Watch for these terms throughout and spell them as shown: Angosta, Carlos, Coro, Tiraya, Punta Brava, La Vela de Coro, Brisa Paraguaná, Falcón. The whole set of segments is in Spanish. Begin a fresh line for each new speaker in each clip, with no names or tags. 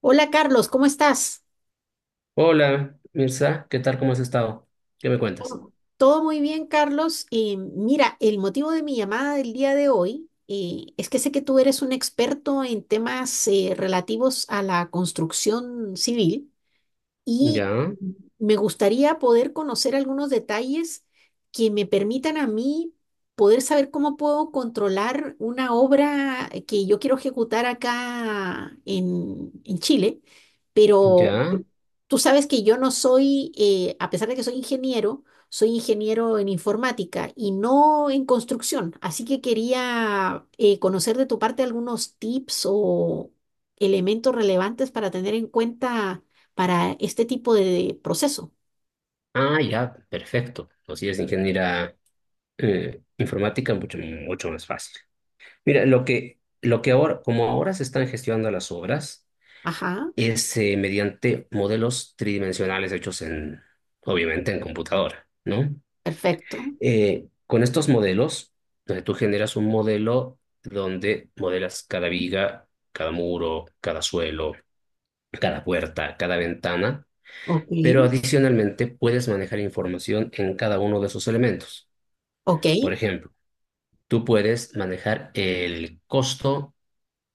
Hola Carlos, ¿cómo estás?
Hola, Mirza, ¿qué tal? ¿Cómo has estado? ¿Qué me cuentas?
Oh. Todo muy bien, Carlos. Mira, el motivo de mi llamada del día de hoy es que sé que tú eres un experto en temas relativos a la construcción civil y
Ya,
me gustaría poder conocer algunos detalles que me permitan a mí poder saber cómo puedo controlar una obra que yo quiero ejecutar acá en Chile, pero
ya.
tú sabes que yo no soy, a pesar de que soy ingeniero en informática y no en construcción. Así que quería conocer de tu parte algunos tips o elementos relevantes para tener en cuenta para este tipo de proceso.
Ah, ya, perfecto. O si es ingeniera informática, mucho más fácil. Mira, lo que ahora, como ahora se están gestionando las obras,
Ajá,
es mediante modelos tridimensionales hechos en, obviamente, en computadora, ¿no?
perfecto.
Con estos modelos, tú generas un modelo donde modelas cada viga, cada muro, cada suelo, cada puerta, cada ventana,
Ok,
pero adicionalmente puedes manejar información en cada uno de esos elementos.
ok,
Por ejemplo, tú puedes manejar el costo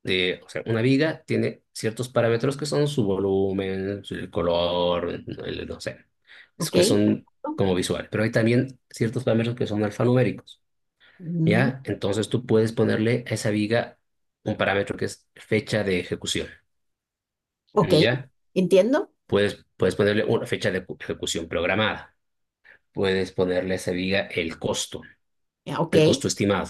de, o sea, una viga tiene ciertos parámetros que son su volumen, el color, no sé, es
ok,
que son
perfecto.
como visual, pero hay también ciertos parámetros que son alfanuméricos,
Mm,
¿ya? Entonces tú puedes ponerle a esa viga un parámetro que es fecha de ejecución,
ok,
¿ya?
entiendo.
Puedes ponerle una fecha de ejecución programada. Puedes ponerle a esa viga
Ya, ok,
el costo estimado.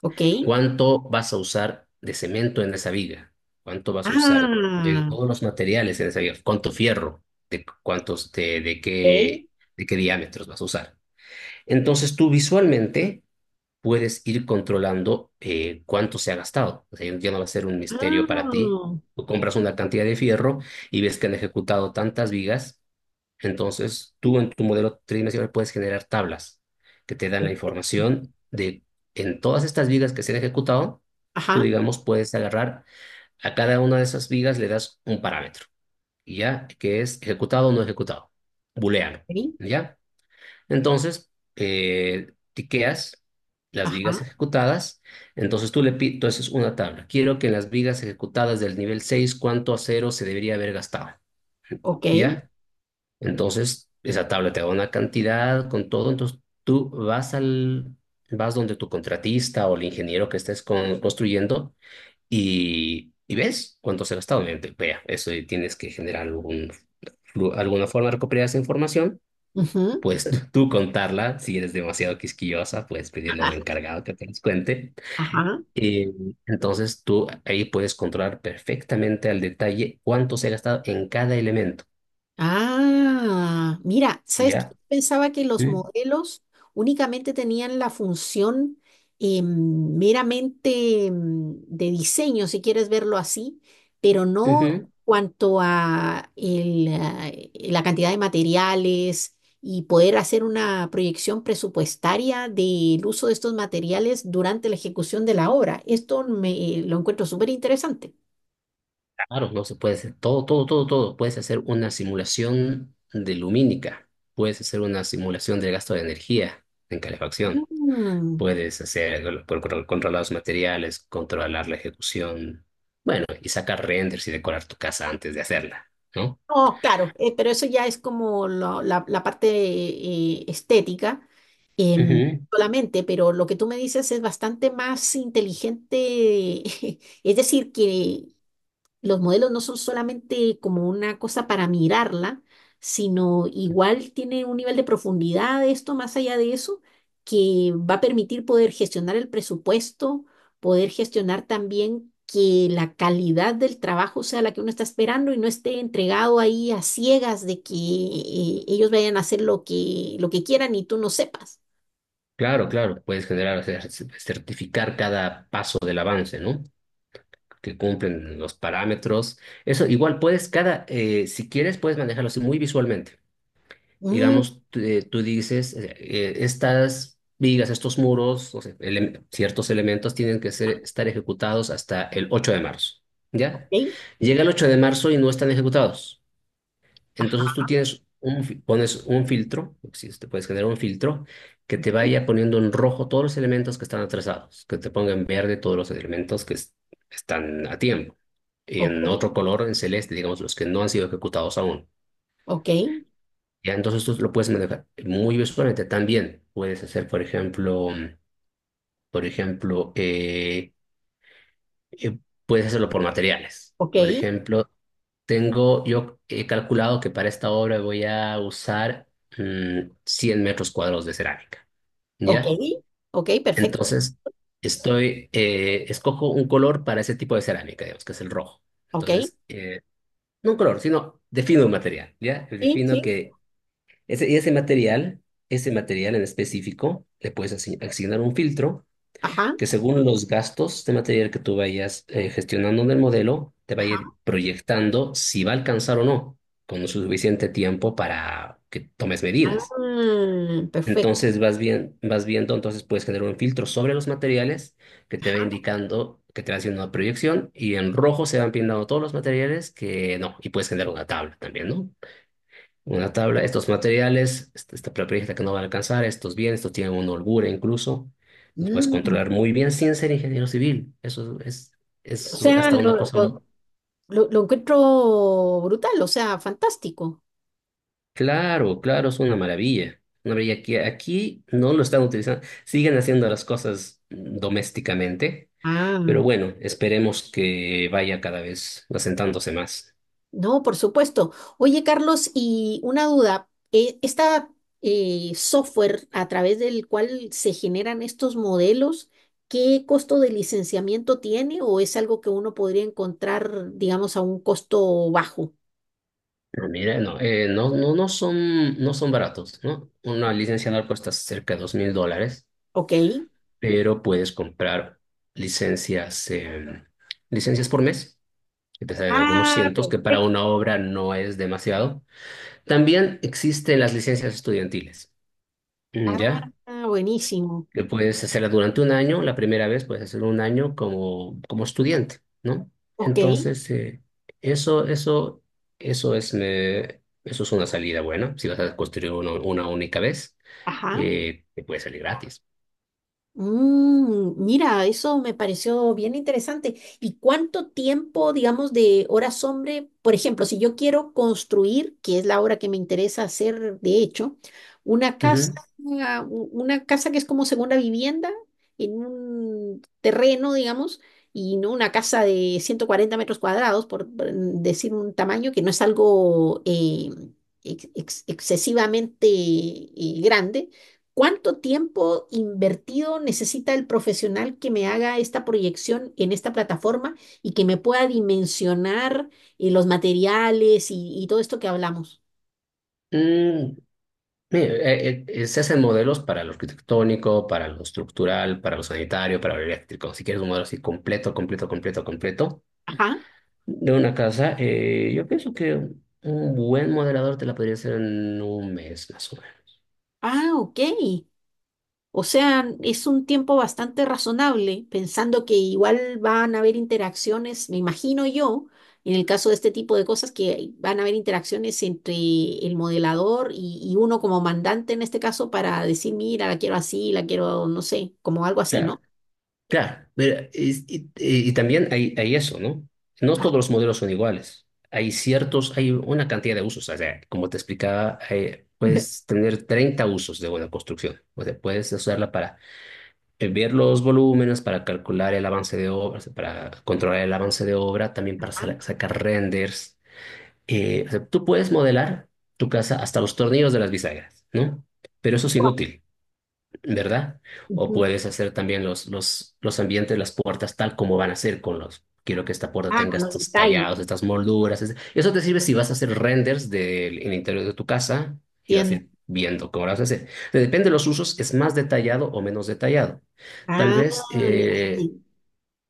ok.
¿Cuánto vas a usar de cemento en esa viga? ¿Cuánto vas a usar de
Ah,
todos los materiales en esa viga? ¿Cuánto fierro? ¿De cuántos, de
ok.
qué, ¿de qué diámetros vas a usar? Entonces tú visualmente puedes ir controlando cuánto se ha gastado. O sea, ya no va a ser un misterio para ti.
Ah,
Tú compras una cantidad de fierro y ves que han ejecutado tantas vigas, entonces, tú
mm,
en tu modelo tridimensional puedes generar tablas que te dan la información de en todas estas vigas que se han ejecutado, tú
ajá.
digamos puedes agarrar a cada una de esas vigas, le das un parámetro, y ya que es ejecutado o no ejecutado, booleano,
Ok,
¿ya? Entonces, tiqueas las
ajá,
vigas ejecutadas, entonces tú le pides, entonces una tabla, quiero que en las vigas ejecutadas del nivel 6 ¿cuánto acero se debería haber gastado?
ok.
¿Ya? Entonces, esa tabla te da una cantidad con todo, entonces tú vas al, vas donde tu contratista o el ingeniero que estés construyendo y ves cuánto se ha gastado. Obviamente, vea, eso y tienes que generar algún, alguna forma de recuperar esa información,
Ujú,
pues tú contarla, si eres demasiado quisquillosa, puedes pedirle a un
ajá,
encargado que te los cuente.
ajá.
Y entonces tú ahí puedes controlar perfectamente al detalle cuánto se ha gastado en cada elemento,
Ah, mira, ¿sabes qué?
¿ya?
Pensaba que los
Ujú.
modelos únicamente tenían la función meramente de diseño, si quieres verlo así, pero no
Ujú.
cuanto a el, ah, la cantidad de materiales y poder hacer una proyección presupuestaria del uso de estos materiales durante la ejecución de la obra. Lo encuentro súper interesante.
Claro, no se puede hacer todo, todo, todo, todo. Puedes hacer una simulación de lumínica, puedes hacer una simulación del gasto de energía en calefacción,
Mm.
puedes hacer controlar los materiales, controlar la ejecución, bueno, y sacar renders y decorar tu casa antes de hacerla, ¿no?
No, claro, pero eso ya es como la parte estética em,
Ujú.
solamente, pero lo que tú me dices es bastante más inteligente, es decir, que los modelos no son solamente como una cosa para mirarla, sino igual tiene un nivel de profundidad de esto, más allá de eso, que va a permitir poder gestionar el presupuesto, poder gestionar también que la calidad del trabajo sea la que uno está esperando y no esté entregado ahí a ciegas de que ellos vayan a hacer lo que quieran y tú no sepas.
Claro, claro, puedes generar, o sea, certificar cada paso del avance, ¿no? Que cumplen los parámetros. Eso igual puedes, cada, si quieres, puedes manejarlo así muy visualmente.
Mm,
Digamos, tú dices, estas vigas, estos muros, o sea, ciertos elementos tienen que ser, estar ejecutados hasta el 8 de marzo, ¿ya?
ok,
Llega el 8 de marzo y no están ejecutados. Entonces
ajá,
tú tienes un, pones un filtro, si puedes generar un filtro, que te
ok,
vaya poniendo en rojo todos los elementos que están atrasados, que te ponga en verde todos los elementos que están a tiempo, y en
ok,
otro color, en celeste, digamos, los que no han sido ejecutados aún.
ok,
Ya, entonces tú lo puedes manejar muy visualmente. También puedes hacer, por ejemplo, por ejemplo, eh, eh, puedes hacerlo por materiales.
ok,
Por ejemplo, tengo, yo he calculado que para esta obra voy a usar 100 metros cuadrados de cerámica,
ok,
¿ya?
ok, perfecto,
Entonces, estoy, escojo un color para ese tipo de cerámica, digamos, que es el rojo.
ok.
Entonces, no un color, sino defino un material, ¿ya?
Sí,
Defino
sí,
que ese, y ese material en específico, le puedes asignar un filtro
ajá,
que según los gastos de material que tú vayas gestionando en el modelo, te va a
ajá.
ir proyectando si va a alcanzar o no, con suficiente tiempo para que tomes medidas.
Ah, perfecto.
Entonces vas bien, vas viendo, entonces puedes generar un filtro sobre los materiales que te va
Ajá,
indicando, que te va haciendo una proyección y en rojo se van pintando todos los materiales que no, y puedes generar una tabla también, ¿no? Una
ok.
tabla, estos materiales, esta propiedad que no van a alcanzar, estos bienes, estos tienen una holgura incluso, los puedes
Mm,
controlar muy bien sin ser ingeniero civil. Eso
o
es
sea,
hasta una
lo,
cosa muy...
lo- lo- lo encuentro brutal, o sea, fantástico.
Claro, claro, es una maravilla. Una maravilla que aquí no lo están utilizando, siguen haciendo las cosas domésticamente,
Ah,
pero bueno, esperemos que vaya cada vez asentándose más.
no, por supuesto. Oye, Carlos, y una duda, esta software a través del cual se generan estos modelos, ¿qué costo de licenciamiento tiene o es algo que uno podría encontrar, digamos, a un costo bajo?
No, mira, no, no son baratos, ¿no? Una licencia anual cuesta cerca de $2000.
Ok.
Pero puedes comprar licencias, licencias por mes, que te salen algunos
Ah,
cientos, que para
perfecto.
una obra no es demasiado. También existen las licencias estudiantiles, mm,
Ah,
¿ya?
buenísimo.
Que puedes hacerla durante un año, la primera vez puedes hacerlo un año como, como estudiante, ¿no?
Ok.
Entonces, eso, eso, eso es una salida buena, si vas a construir una única vez
Ajá.
te puede salir gratis.
Mm, mira, eso me pareció bien interesante. ¿Y cuánto tiempo, digamos, de horas hombre? Por ejemplo, si yo quiero construir, que es la obra que me interesa hacer, de hecho, una casa,
Ujú.
una casa que es como segunda vivienda en un terreno, digamos, y no una casa de 140 metros cuadrados, por decir un tamaño que no es algo excesivamente grande. ¿Cuánto tiempo invertido necesita el profesional que me haga esta proyección en esta plataforma y que me pueda dimensionar los materiales y todo esto que hablamos?
Mm, sí, se hacen modelos para lo arquitectónico, para lo estructural, para lo sanitario, para lo eléctrico. Si quieres un modelo así completo, completo, completo, completo
Ajá.
de una casa, yo pienso que un buen modelador te la podría hacer en un mes más o menos.
Ah, ok. O sea, es un tiempo bastante razonable, pensando que igual van a haber interacciones, me imagino yo, en el caso de este tipo de cosas, que van a haber interacciones entre el modelador y uno como mandante en este caso para decir, mira, la quiero así, la quiero, no sé, como algo así,
Claro,
¿no?
claro. Mira, y, y también hay eso, ¿no? No
Ah,
todos los modelos son iguales. Hay ciertos, hay una cantidad de usos. O sea, como te explicaba, puedes tener 30 usos de una construcción. O sea, puedes usarla para ver los volúmenes para calcular el avance de obra, o sea, para controlar el avance de obra, también para
ah,
sacar renders. O sea, tú puedes modelar tu casa hasta los tornillos de las bisagras, ¿no? Pero eso es inútil. ¿Verdad? O
ujú.
puedes hacer también los ambientes, las puertas tal como van a ser con los... Quiero que esta puerta
Ah,
tenga
con los
estos tallados,
detalles,
estas molduras. Eso te sirve si vas a hacer renders del el interior de tu casa y vas a
entiendo.
ir viendo cómo lo vas a hacer. Depende de los usos, es más detallado o menos detallado. Tal
Ah,
vez,
ya entendí.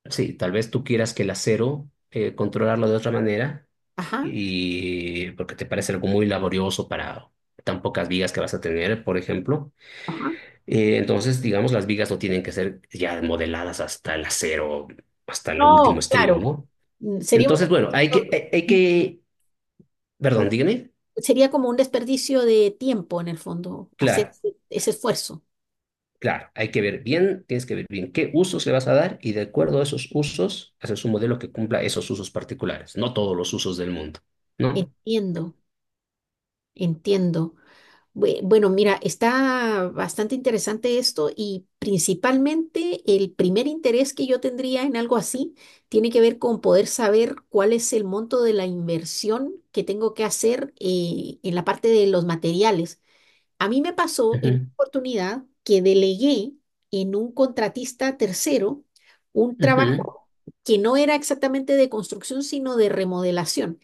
sí, tal vez tú quieras que el acero controlarlo de otra manera
Ajá,
y porque te parece algo muy laborioso para tan pocas vigas que vas a tener, por ejemplo.
ajá.
Entonces, digamos, las vigas no tienen que ser ya modeladas hasta el acero, hasta el último
No,
estribo,
claro.
¿no?
Mm,
Entonces, bueno, hay que, hay que, perdón, dígame,
sería como un desperdicio de tiempo en el fondo, hacer
claro,
ese esfuerzo.
claro, hay que ver bien, tienes que ver bien qué usos le vas a dar y de acuerdo a esos usos, haces un modelo que cumpla esos usos particulares, no todos los usos del mundo, ¿no?
Entiendo, entiendo. Bueno, mira, está bastante interesante esto y principalmente el primer interés que yo tendría en algo así tiene que ver con poder saber cuál es el monto de la inversión que tengo que hacer en la parte de los materiales. A mí me pasó en una
Ujú,
oportunidad que delegué en un contratista tercero un
ujú,
trabajo que no era exactamente de construcción, sino de remodelación.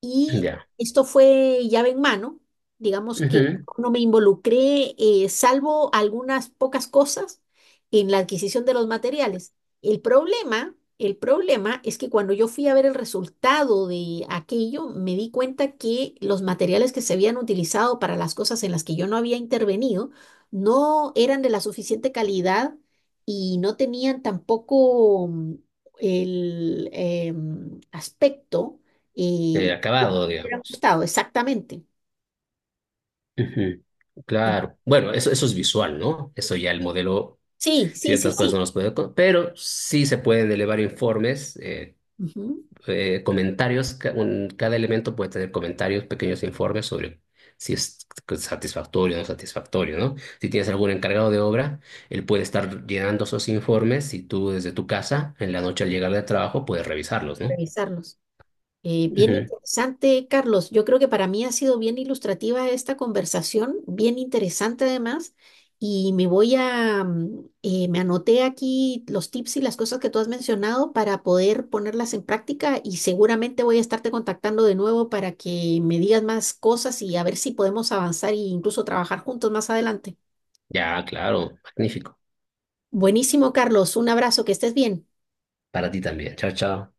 Y
ya,
esto fue llave en mano, digamos que
ujú,
no me involucré, salvo algunas pocas cosas, en la adquisición de los materiales. El problema es que cuando yo fui a ver el resultado de aquello, me di cuenta que los materiales que se habían utilizado para las cosas en las que yo no había intervenido no eran de la suficiente calidad y no tenían tampoco el aspecto eh, me
acabado,
hubiera
digamos.
gustado, exactamente.
Ujú, claro, bueno, eso es visual, ¿no? Eso ya el modelo
Sí, sí, sí,
ciertas cosas
sí.
no las puedo pero sí se pueden elevar informes,
Ujú,
comentarios, cada elemento puede tener comentarios, pequeños informes sobre si es satisfactorio o no satisfactorio, ¿no? Si tienes algún encargado de obra, él puede estar llenando esos informes y tú desde tu casa, en la noche al llegar del trabajo, puedes revisarlos, ¿no?
revisarlos. Bien
Ujú.
interesante, Carlos. Yo creo que para mí ha sido bien ilustrativa esta conversación, bien interesante además. Y me voy a, me anoté aquí los tips y las cosas que tú has mencionado para poder ponerlas en práctica y seguramente voy a estarte contactando de nuevo para que me digas más cosas y a ver si podemos avanzar e incluso trabajar juntos más adelante.
Ya, claro, magnífico.
Buenísimo, Carlos. Un abrazo, que estés bien.
Para ti también. Chao, chao.